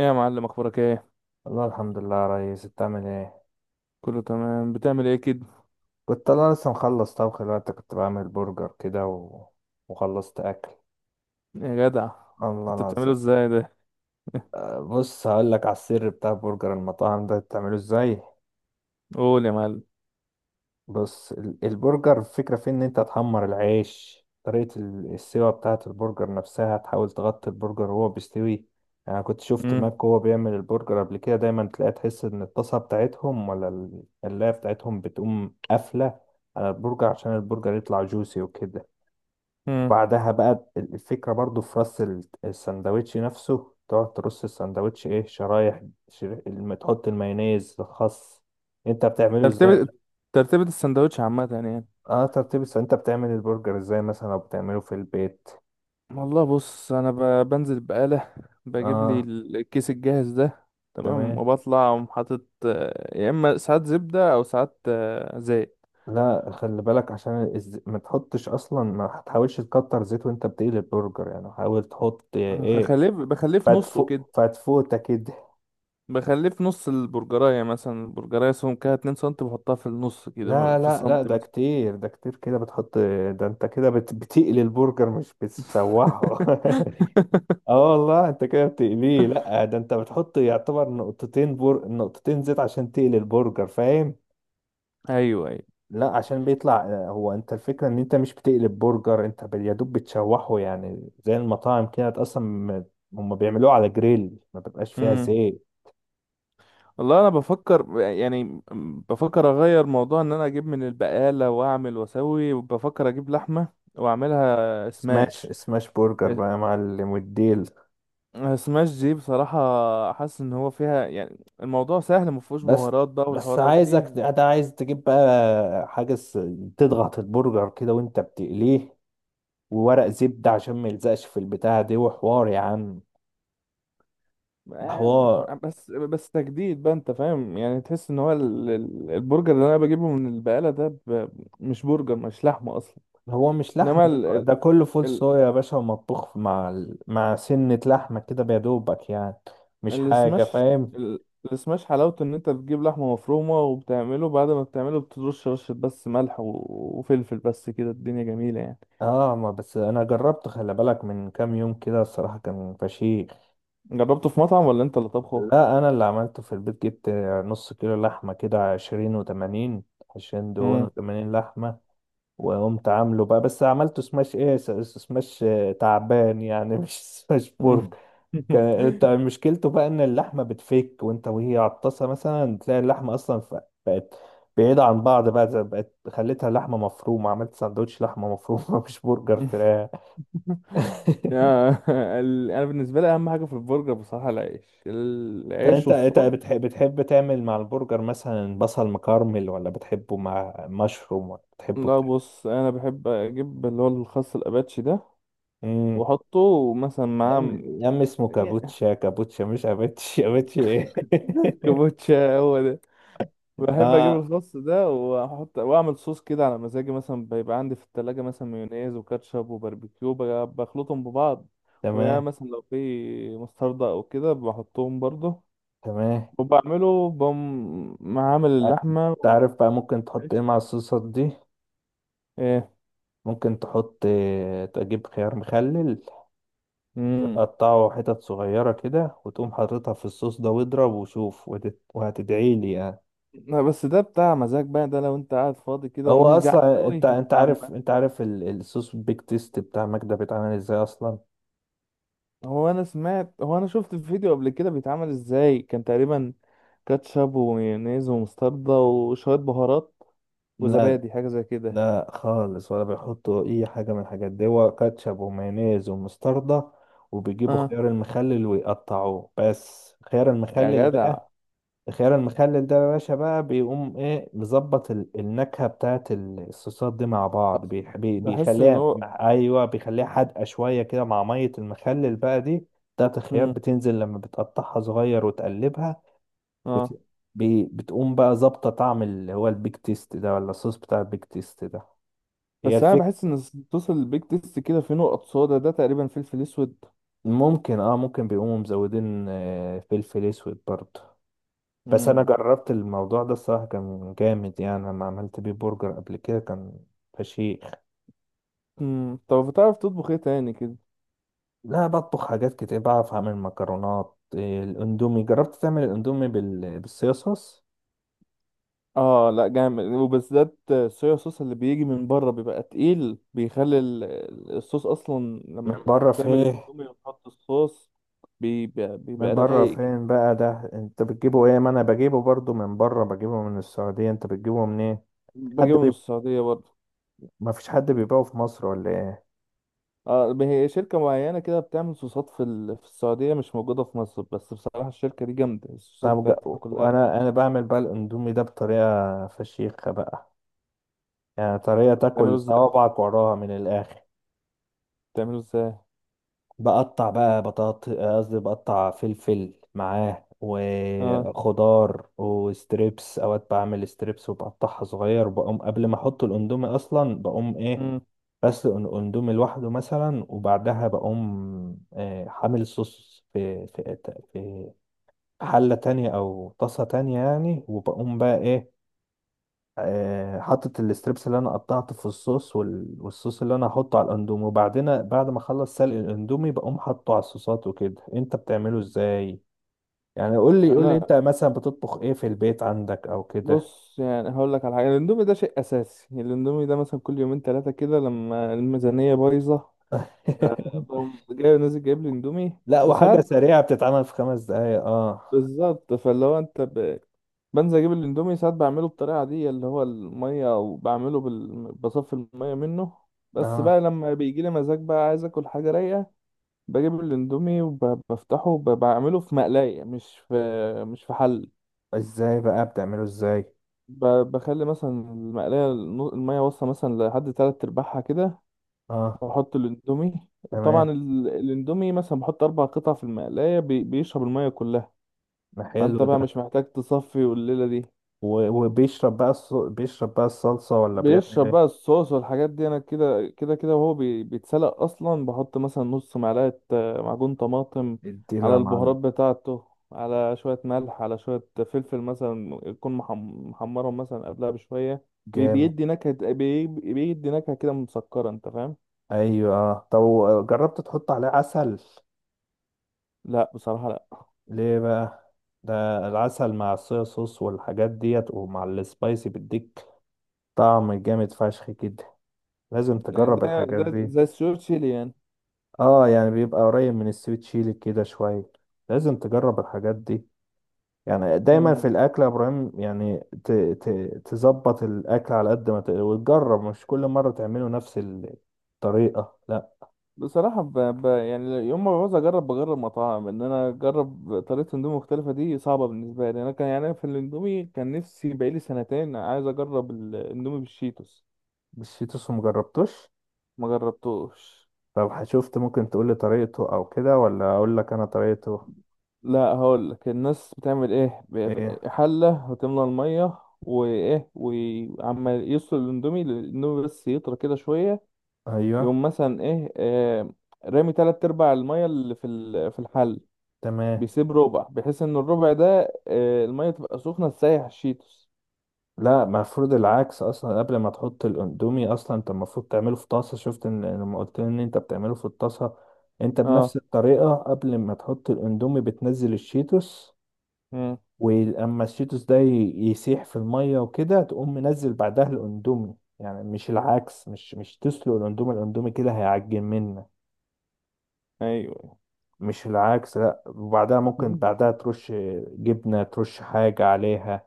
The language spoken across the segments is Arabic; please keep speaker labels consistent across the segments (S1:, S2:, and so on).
S1: ايه يا معلم، اخبارك ايه؟
S2: والله الحمد لله يا ريس، انت عامل ايه؟
S1: كله تمام؟ بتعمل ايه كده؟
S2: كنت انا لسه مخلص طبخ دلوقتي، كنت بعمل برجر كده وخلصت اكل.
S1: يا جدع.
S2: الله
S1: كنت بتعمله
S2: العظيم.
S1: ازاي ده؟
S2: بص هقول لك على السر بتاع برجر المطاعم ده بتعمله ازاي.
S1: قول يا معلم.
S2: بص البرجر الفكرة في إن أنت تحمر العيش، طريقة السوا بتاعة البرجر نفسها تحاول تغطي البرجر وهو بيستوي. يعني أنا كنت شفت
S1: امم
S2: ماك وهو بيعمل البرجر قبل كده، دايما تلاقي تحس إن الطاسة بتاعتهم ولا القلاية بتاعتهم بتقوم قافلة على البرجر عشان البرجر يطلع جوسي وكده.
S1: امم
S2: بعدها بقى الفكرة برضو في رص السندوتش نفسه، تقعد ترص السندوتش إيه، شرايح، تحط المايونيز الخاص. أنت بتعمله إزاي؟
S1: ترتيب ترتيبة السندوتش عامة يعني.
S2: اه، ترتيب انت بتعمل البرجر ازاي مثلا، او بتعمله في البيت؟
S1: والله بص، انا بنزل بقالة، بجيب لي
S2: اه.
S1: الكيس الجاهز ده. تمام،
S2: تمام.
S1: وبطلع أقوم حاطط يا اما ساعات زبدة او ساعات زيت.
S2: لا خلي بالك، عشان ما تحطش اصلا، ما تحاولش تكتر زيت وانت بتقلي البرجر، يعني حاول تحط ايه،
S1: بخليه في نصه كده.
S2: فتفوتة كده.
S1: بخليه في نص البرجراية مثلا، البرجراية سمكها 2 سم، بحطها في النص كده،
S2: لا
S1: في
S2: لا لا،
S1: سنتي
S2: ده
S1: مثلا.
S2: كتير، ده كتير كده بتحط. ده انت كده بتقلي البرجر مش بتشوحه. اه والله انت كده بتقليه. لا، ده انت بتحط يعتبر نقطتين نقطتين زيت عشان تقلي البرجر، فاهم؟
S1: ايوه، ايوه.
S2: لا، عشان بيطلع هو انت الفكرة ان انت مش بتقلب برجر، انت يا دوب بتشوحه، يعني زي المطاعم كده اصلا، هم بيعملوه على جريل، ما بيبقاش فيها
S1: امم
S2: زيت.
S1: والله انا بفكر يعني، بفكر اغير موضوع، ان انا اجيب من البقالة واعمل واسوي، وبفكر اجيب لحمة واعملها
S2: سماش،
S1: سماش.
S2: سماش برجر بقى يا معلم والديل.
S1: سماش دي بصراحة حاسس ان هو فيها، يعني الموضوع سهل، مفهوش
S2: بس
S1: بهارات بقى
S2: بس،
S1: والحوارات
S2: عايزك
S1: دي.
S2: ده، عايز تجيب بقى حاجة تضغط البرجر كده وانت بتقليه، وورق زبدة عشان ما يلزقش في البتاعة دي، وحوار يا عم. ده حوار.
S1: بس بس تجديد بقى، انت فاهم؟ يعني تحس ان هو البرجر اللي انا بجيبه من البقالة ده مش برجر، مش لحمة اصلا.
S2: هو مش لحمة
S1: انما
S2: ده، ده كله فول
S1: ال-
S2: صويا يا باشا، ومطبوخ مع مع سنة لحمة كده بيدوبك يعني، مش حاجة،
S1: السماش،
S2: فاهم؟
S1: ال- السماش حلاوته ان انت بتجيب لحمه مفرومه وبتعمله، بعد ما بتعمله بترش رشه بس ملح وفلفل، بس كده الدنيا جميله يعني.
S2: اه، ما بس انا جربت، خلي بالك، من كام يوم كده الصراحة كان فشيخ.
S1: جربته في مطعم ولا انت اللي طبخه؟
S2: لا انا اللي عملته في البيت، جبت نص كيلو لحمة كده، 20 و80، عشرين دهون
S1: مم.
S2: وتمانين لحمة وقمت عامله بقى، بس عملته سماش ايه، سماش تعبان يعني مش سماش
S1: مم.
S2: بورك. انت مشكلته بقى ان اللحمه بتفك وانت وهي على الطاسه، مثلا تلاقي اللحمه اصلا بقت بعيده عن بعض بقى، بقت خليتها لحمه مفرومه، عملت سندوتش لحمه مفرومه مش برجر فراخ.
S1: يا انا بالنسبه لي اهم حاجه في البرجر بصراحه العيش، العيش
S2: فانت انت
S1: والصوص.
S2: بتحب تعمل مع البرجر مثلا بصل مكرمل، ولا بتحبه مع مشروم، ولا بتحبه
S1: لا، بص، انا بحب اجيب اللي هو الخس الاباتشي ده،
S2: بتعمل؟
S1: واحطه مثلا
S2: يا
S1: معاه.
S2: عم يا عم، اسمه كابوتشا، كابوتشا مش اباتشي، اباتشي ايه!
S1: كابوتشا هو. بحب اجيب
S2: اه
S1: الخس ده واحط واعمل صوص كده على مزاجي، مثلا بيبقى عندي في التلاجة مثلا مايونيز وكاتشب وباربيكيو، بخلطهم ببعض، ويا
S2: تمام.
S1: مثلا لو في مستردة او كده بحطهم برضه،
S2: تمام.
S1: وبعمله بقوم معامل
S2: آه،
S1: اللحمة
S2: تعرف بقى ممكن تحط ايه
S1: والعيش.
S2: مع الصوصات دي؟
S1: ايه؟
S2: ممكن تحط تجيب خيار مخلل
S1: امم
S2: وتقطعه حتت صغيرة كده، وتقوم حاططها في الصوص ده، واضرب وشوف، وهتدعي لي يعني.
S1: لا، بس ده بتاع مزاج بقى، ده لو انت قاعد فاضي كده
S2: هو
S1: ومش جعان
S2: اصلا انت
S1: قوي.
S2: انت عارف، انت عارف الصوص بيك تيست بتاع ماجدة بيتعمل ازاي اصلا؟
S1: هو انا سمعت، هو انا شفت الفيديو قبل كده بيتعمل ازاي. كان تقريبا كاتشب ومايونيز ومستردة وشوية بهارات
S2: لا،
S1: وزبادي، حاجة زي كده.
S2: لا خالص، ولا بيحطوا اي حاجه من الحاجات دي. هو كاتشب ومايونيز ومستردة، وبيجيبوا
S1: اه.
S2: خيار المخلل ويقطعوه، بس خيار
S1: يا
S2: المخلل
S1: جدع.
S2: بقى. الخيار المخلل ده يا باشا بقى بيقوم ايه، مظبط النكهه بتاعت الصوصات دي مع بعض،
S1: بحس ان
S2: بيخليها
S1: هو
S2: ايوه بيخليها حادقه شويه كده، مع ميه المخلل بقى دي بتاعت الخيار،
S1: امم
S2: بتنزل لما بتقطعها صغير وتقلبها.
S1: اه،
S2: بت... بتقوم بقى ظابطه طعم اللي هو البيك تيست ده، ولا الصوص بتاع البيك تيست ده. هي
S1: بس انا
S2: الفكرة.
S1: بحس ان صوص البيك تيست كده فيه نقط صودا، ده تقريبا فلفل اسود.
S2: ممكن، اه ممكن، بيقوموا مزودين فلفل اسود برضه. بس انا
S1: امم
S2: جربت الموضوع ده، الصراحه كان جامد يعني، لما عملت بيه برجر قبل كده كان فشيخ.
S1: طب بتعرف تطبخ ايه تاني كده؟
S2: لا، بطبخ حاجات كتير، بعرف اعمل مكرونات، الاندومي جربت تعمل الاندومي بالصيصوص؟
S1: اه، لا جامد، وبالذات الصويا صوص اللي بيجي من بره بيبقى تقيل، بيخلي الصوص اصلا،
S2: من
S1: لما
S2: بره
S1: تعمل
S2: فين؟
S1: الاندومي وتحط الصوص
S2: من
S1: بيبقى
S2: بره
S1: رايق كده.
S2: فين بقى؟ ده انت بتجيبه ايه، ما انا بجيبه برضه من بره، بجيبه من السعوديه، انت بتجيبه منين؟ حد
S1: بجيبه من
S2: بي...
S1: السعودية برضه.
S2: ما فيش حد بيبيعه في مصر ولا ايه؟
S1: اه، هي شركة معينة كده بتعمل صوصات في السعودية، مش موجودة في مصر، بس بصراحة الشركة دي جامدة، الصوصات
S2: طب
S1: بتاعتها كلها.
S2: وانا انا بعمل بقى الاندومي ده بطريقه فشيخه بقى، يعني طريقه
S1: بتعمله
S2: تاكل
S1: ازاي
S2: صوابعك وراها من الاخر.
S1: بتعمله ازاي؟
S2: بقطع بقى بطاط، قصدي بقطع فلفل معاه
S1: اه.
S2: وخضار وستريبس، اوقات بعمل ستريبس وبقطعها صغير، بقوم قبل ما احط الاندومي اصلا بقوم ايه،
S1: مم.
S2: بسلق الاندومي لوحده مثلا، وبعدها بقوم حامل صوص في حلة تانية أو طاسة تانية يعني، وبقوم بقى إيه، حطت الستريبس اللي انا قطعته في الصوص والصوص اللي انا هحطه على الاندومي، وبعدين بعد ما اخلص سلق الاندومي بقوم حاطه على الصوصات وكده. انت بتعمله ازاي يعني؟ قول لي، قول لي
S1: انا
S2: انت مثلا بتطبخ ايه في البيت عندك او كده؟
S1: بص، يعني هقول لك على حاجه. الاندومي ده شيء اساسي، الاندومي ده مثلا كل يومين ثلاثه كده لما الميزانيه بايظه، بقوم جاي نازل جايب لي اندومي.
S2: لا، وحاجة
S1: وساعات
S2: سريعة بتتعمل في 5 دقايق. اه.
S1: بالظبط، فاللي هو انت بنزل اجيب الاندومي. ساعات بعمله بالطريقه دي اللي هو الميه، وبعمله بصفي الميه منه. بس
S2: اه.
S1: بقى لما بيجي لي مزاج بقى عايز اكل حاجه رايقه، بجيب الاندومي وبفتحه وبعمله في مقلايه، مش في حل.
S2: ازاي بقى؟ بتعمله ازاي؟
S1: بخلي مثلا المقلايه، الميه واصله مثلا لحد تلات ارباعها كده،
S2: اه.
S1: واحط الاندومي.
S2: تمام.
S1: طبعا الاندومي مثلا بحط اربع قطع في المقلايه، بيشرب الميه كلها،
S2: ده
S1: فانت
S2: حلو ده.
S1: بقى مش محتاج تصفي. والليله دي
S2: وبيشرب بقى الص... بيشرب بقى الصلصة ولا بيعمل
S1: بيشرب
S2: ايه؟
S1: بقى الصوص والحاجات دي، انا كده كده كده وهو بيتسلق اصلا. بحط مثلا نص معلقه معجون طماطم
S2: اديله
S1: على
S2: يا
S1: البهارات
S2: معلم.
S1: بتاعته، على شويه ملح، على شويه فلفل مثلا، يكون محمرهم مثلا قبلها بشويه.
S2: جامد.
S1: بيدي نكهه، بيدي نكهه كده مسكره، انت فاهم؟
S2: ايوه. آه. طب جربت تحط عليه عسل؟
S1: لا بصراحه.
S2: ليه بقى؟ ده العسل مع الصويا صوص والحاجات ديت، ومع السبايسي، بيديك طعم جامد فشخ كده. لازم
S1: لا،
S2: تجرب الحاجات
S1: ده
S2: دي.
S1: زي السوشي تشيلي
S2: اه، يعني بيبقى قريب من السويت شيلي كده شوية. لازم تجرب الحاجات دي. يعني دايما في
S1: يعني.
S2: الاكل يا ابراهيم يعني، تظبط الاكل على قد ما وتجرب، مش كل مرة تعمله نفس الطريقة، لا.
S1: بصراحة يعني يوم ما بعوز بجرب مطاعم. إن أنا أجرب طريقة أندومي مختلفة دي صعبة بالنسبة لي. أنا كان، يعني أنا في الأندومي، كان نفسي بقالي سنتين عايز أجرب الأندومي بالشيتوس.
S2: مش في، مجربتوش.
S1: ما جربتوش.
S2: طب شفت ممكن تقولي طريقته او كده، ولا اقول لك انا طريقته؟
S1: لا، هقولك الناس بتعمل إيه،
S2: ايه.
S1: حلة وتملى المية وإيه، وعمال يسلق الأندومي، بس يطرى كده شوية.
S2: ايوه.
S1: يقوم مثلا إيه، رامي تلات أرباع المية اللي في الحلة،
S2: تمام.
S1: بيسيب ربع بحيث ان الربع ده الميه تبقى سخنه تسيح الشيتوس.
S2: لا المفروض العكس، اصلا قبل ما تحط الاندومي اصلا انت المفروض تعمله في طاسه، شفت ان إن لما قلت لي ان انت بتعمله في الطاسه، انت بنفس
S1: اه.
S2: الطريقه قبل ما تحط الاندومي بتنزل الشيتوس،
S1: امم
S2: ولما الشيتوس ده يسيح في الميه وكده، تقوم منزل بعدها الاندومي، يعني مش العكس، مش تسلق الاندومي، الاندومي كده هيعجن منك.
S1: ايوه.
S2: مش العكس، لا. وبعدها ممكن،
S1: مم.
S2: بعدها ترش جبنة، ترش حاجة عليها.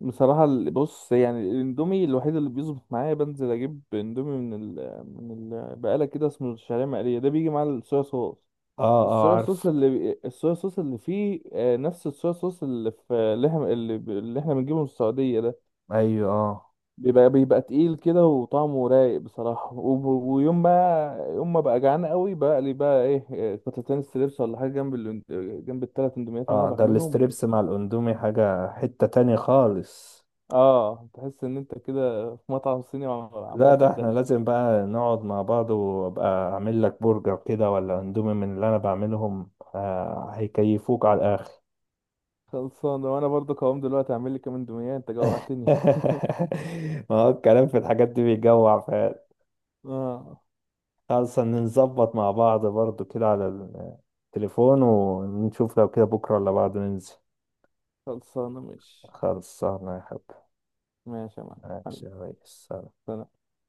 S1: بصراحه بص، يعني الاندومي الوحيد اللي بيظبط معايا، بنزل اجيب اندومي من من البقاله كده، اسمه الشعريه مقليه، ده بيجي مع الصويا صوص.
S2: اه، اه عارف.
S1: الصويا صوص اللي فيه نفس الصويا صوص اللي في اللي احنا بنجيبه من السعوديه ده،
S2: ايوه. اه،
S1: بيبقى تقيل كده وطعمه رايق بصراحة. ويوم ما يوم ما بقى جعان قوي بقى لي بقى إيه، قطعتين ستريبس ولا حاجة جنب جنب الثلاث اندوميات اللي انا
S2: اه، ده
S1: بعملهم.
S2: الاستريبس مع الاندومي حاجة، حتة تانية خالص.
S1: اه، تحس ان انت كده في مطعم صيني،
S2: لا
S1: عمال
S2: ده احنا
S1: تتدلع.
S2: لازم بقى نقعد مع بعض، وابقى اعمل لك برجر كده، ولا اندومي من اللي انا بعملهم، آه هيكيفوك على الاخر.
S1: خلصانة. وانا برضو قوام دلوقتي اعمل لي كام اندومية، انت جوعتني.
S2: ما هو الكلام في الحاجات دي بيجوع فعلا.
S1: اه.
S2: خلاص، نظبط مع بعض برضو كده على التليفون، ونشوف لو كده بكرة ولا بعد ننزل.
S1: خلصانة، ماشي.
S2: خلصانة يا حب.
S1: ماشي يا معلم
S2: ماشي
S1: حبيبي.
S2: يا ريس.
S1: سلام.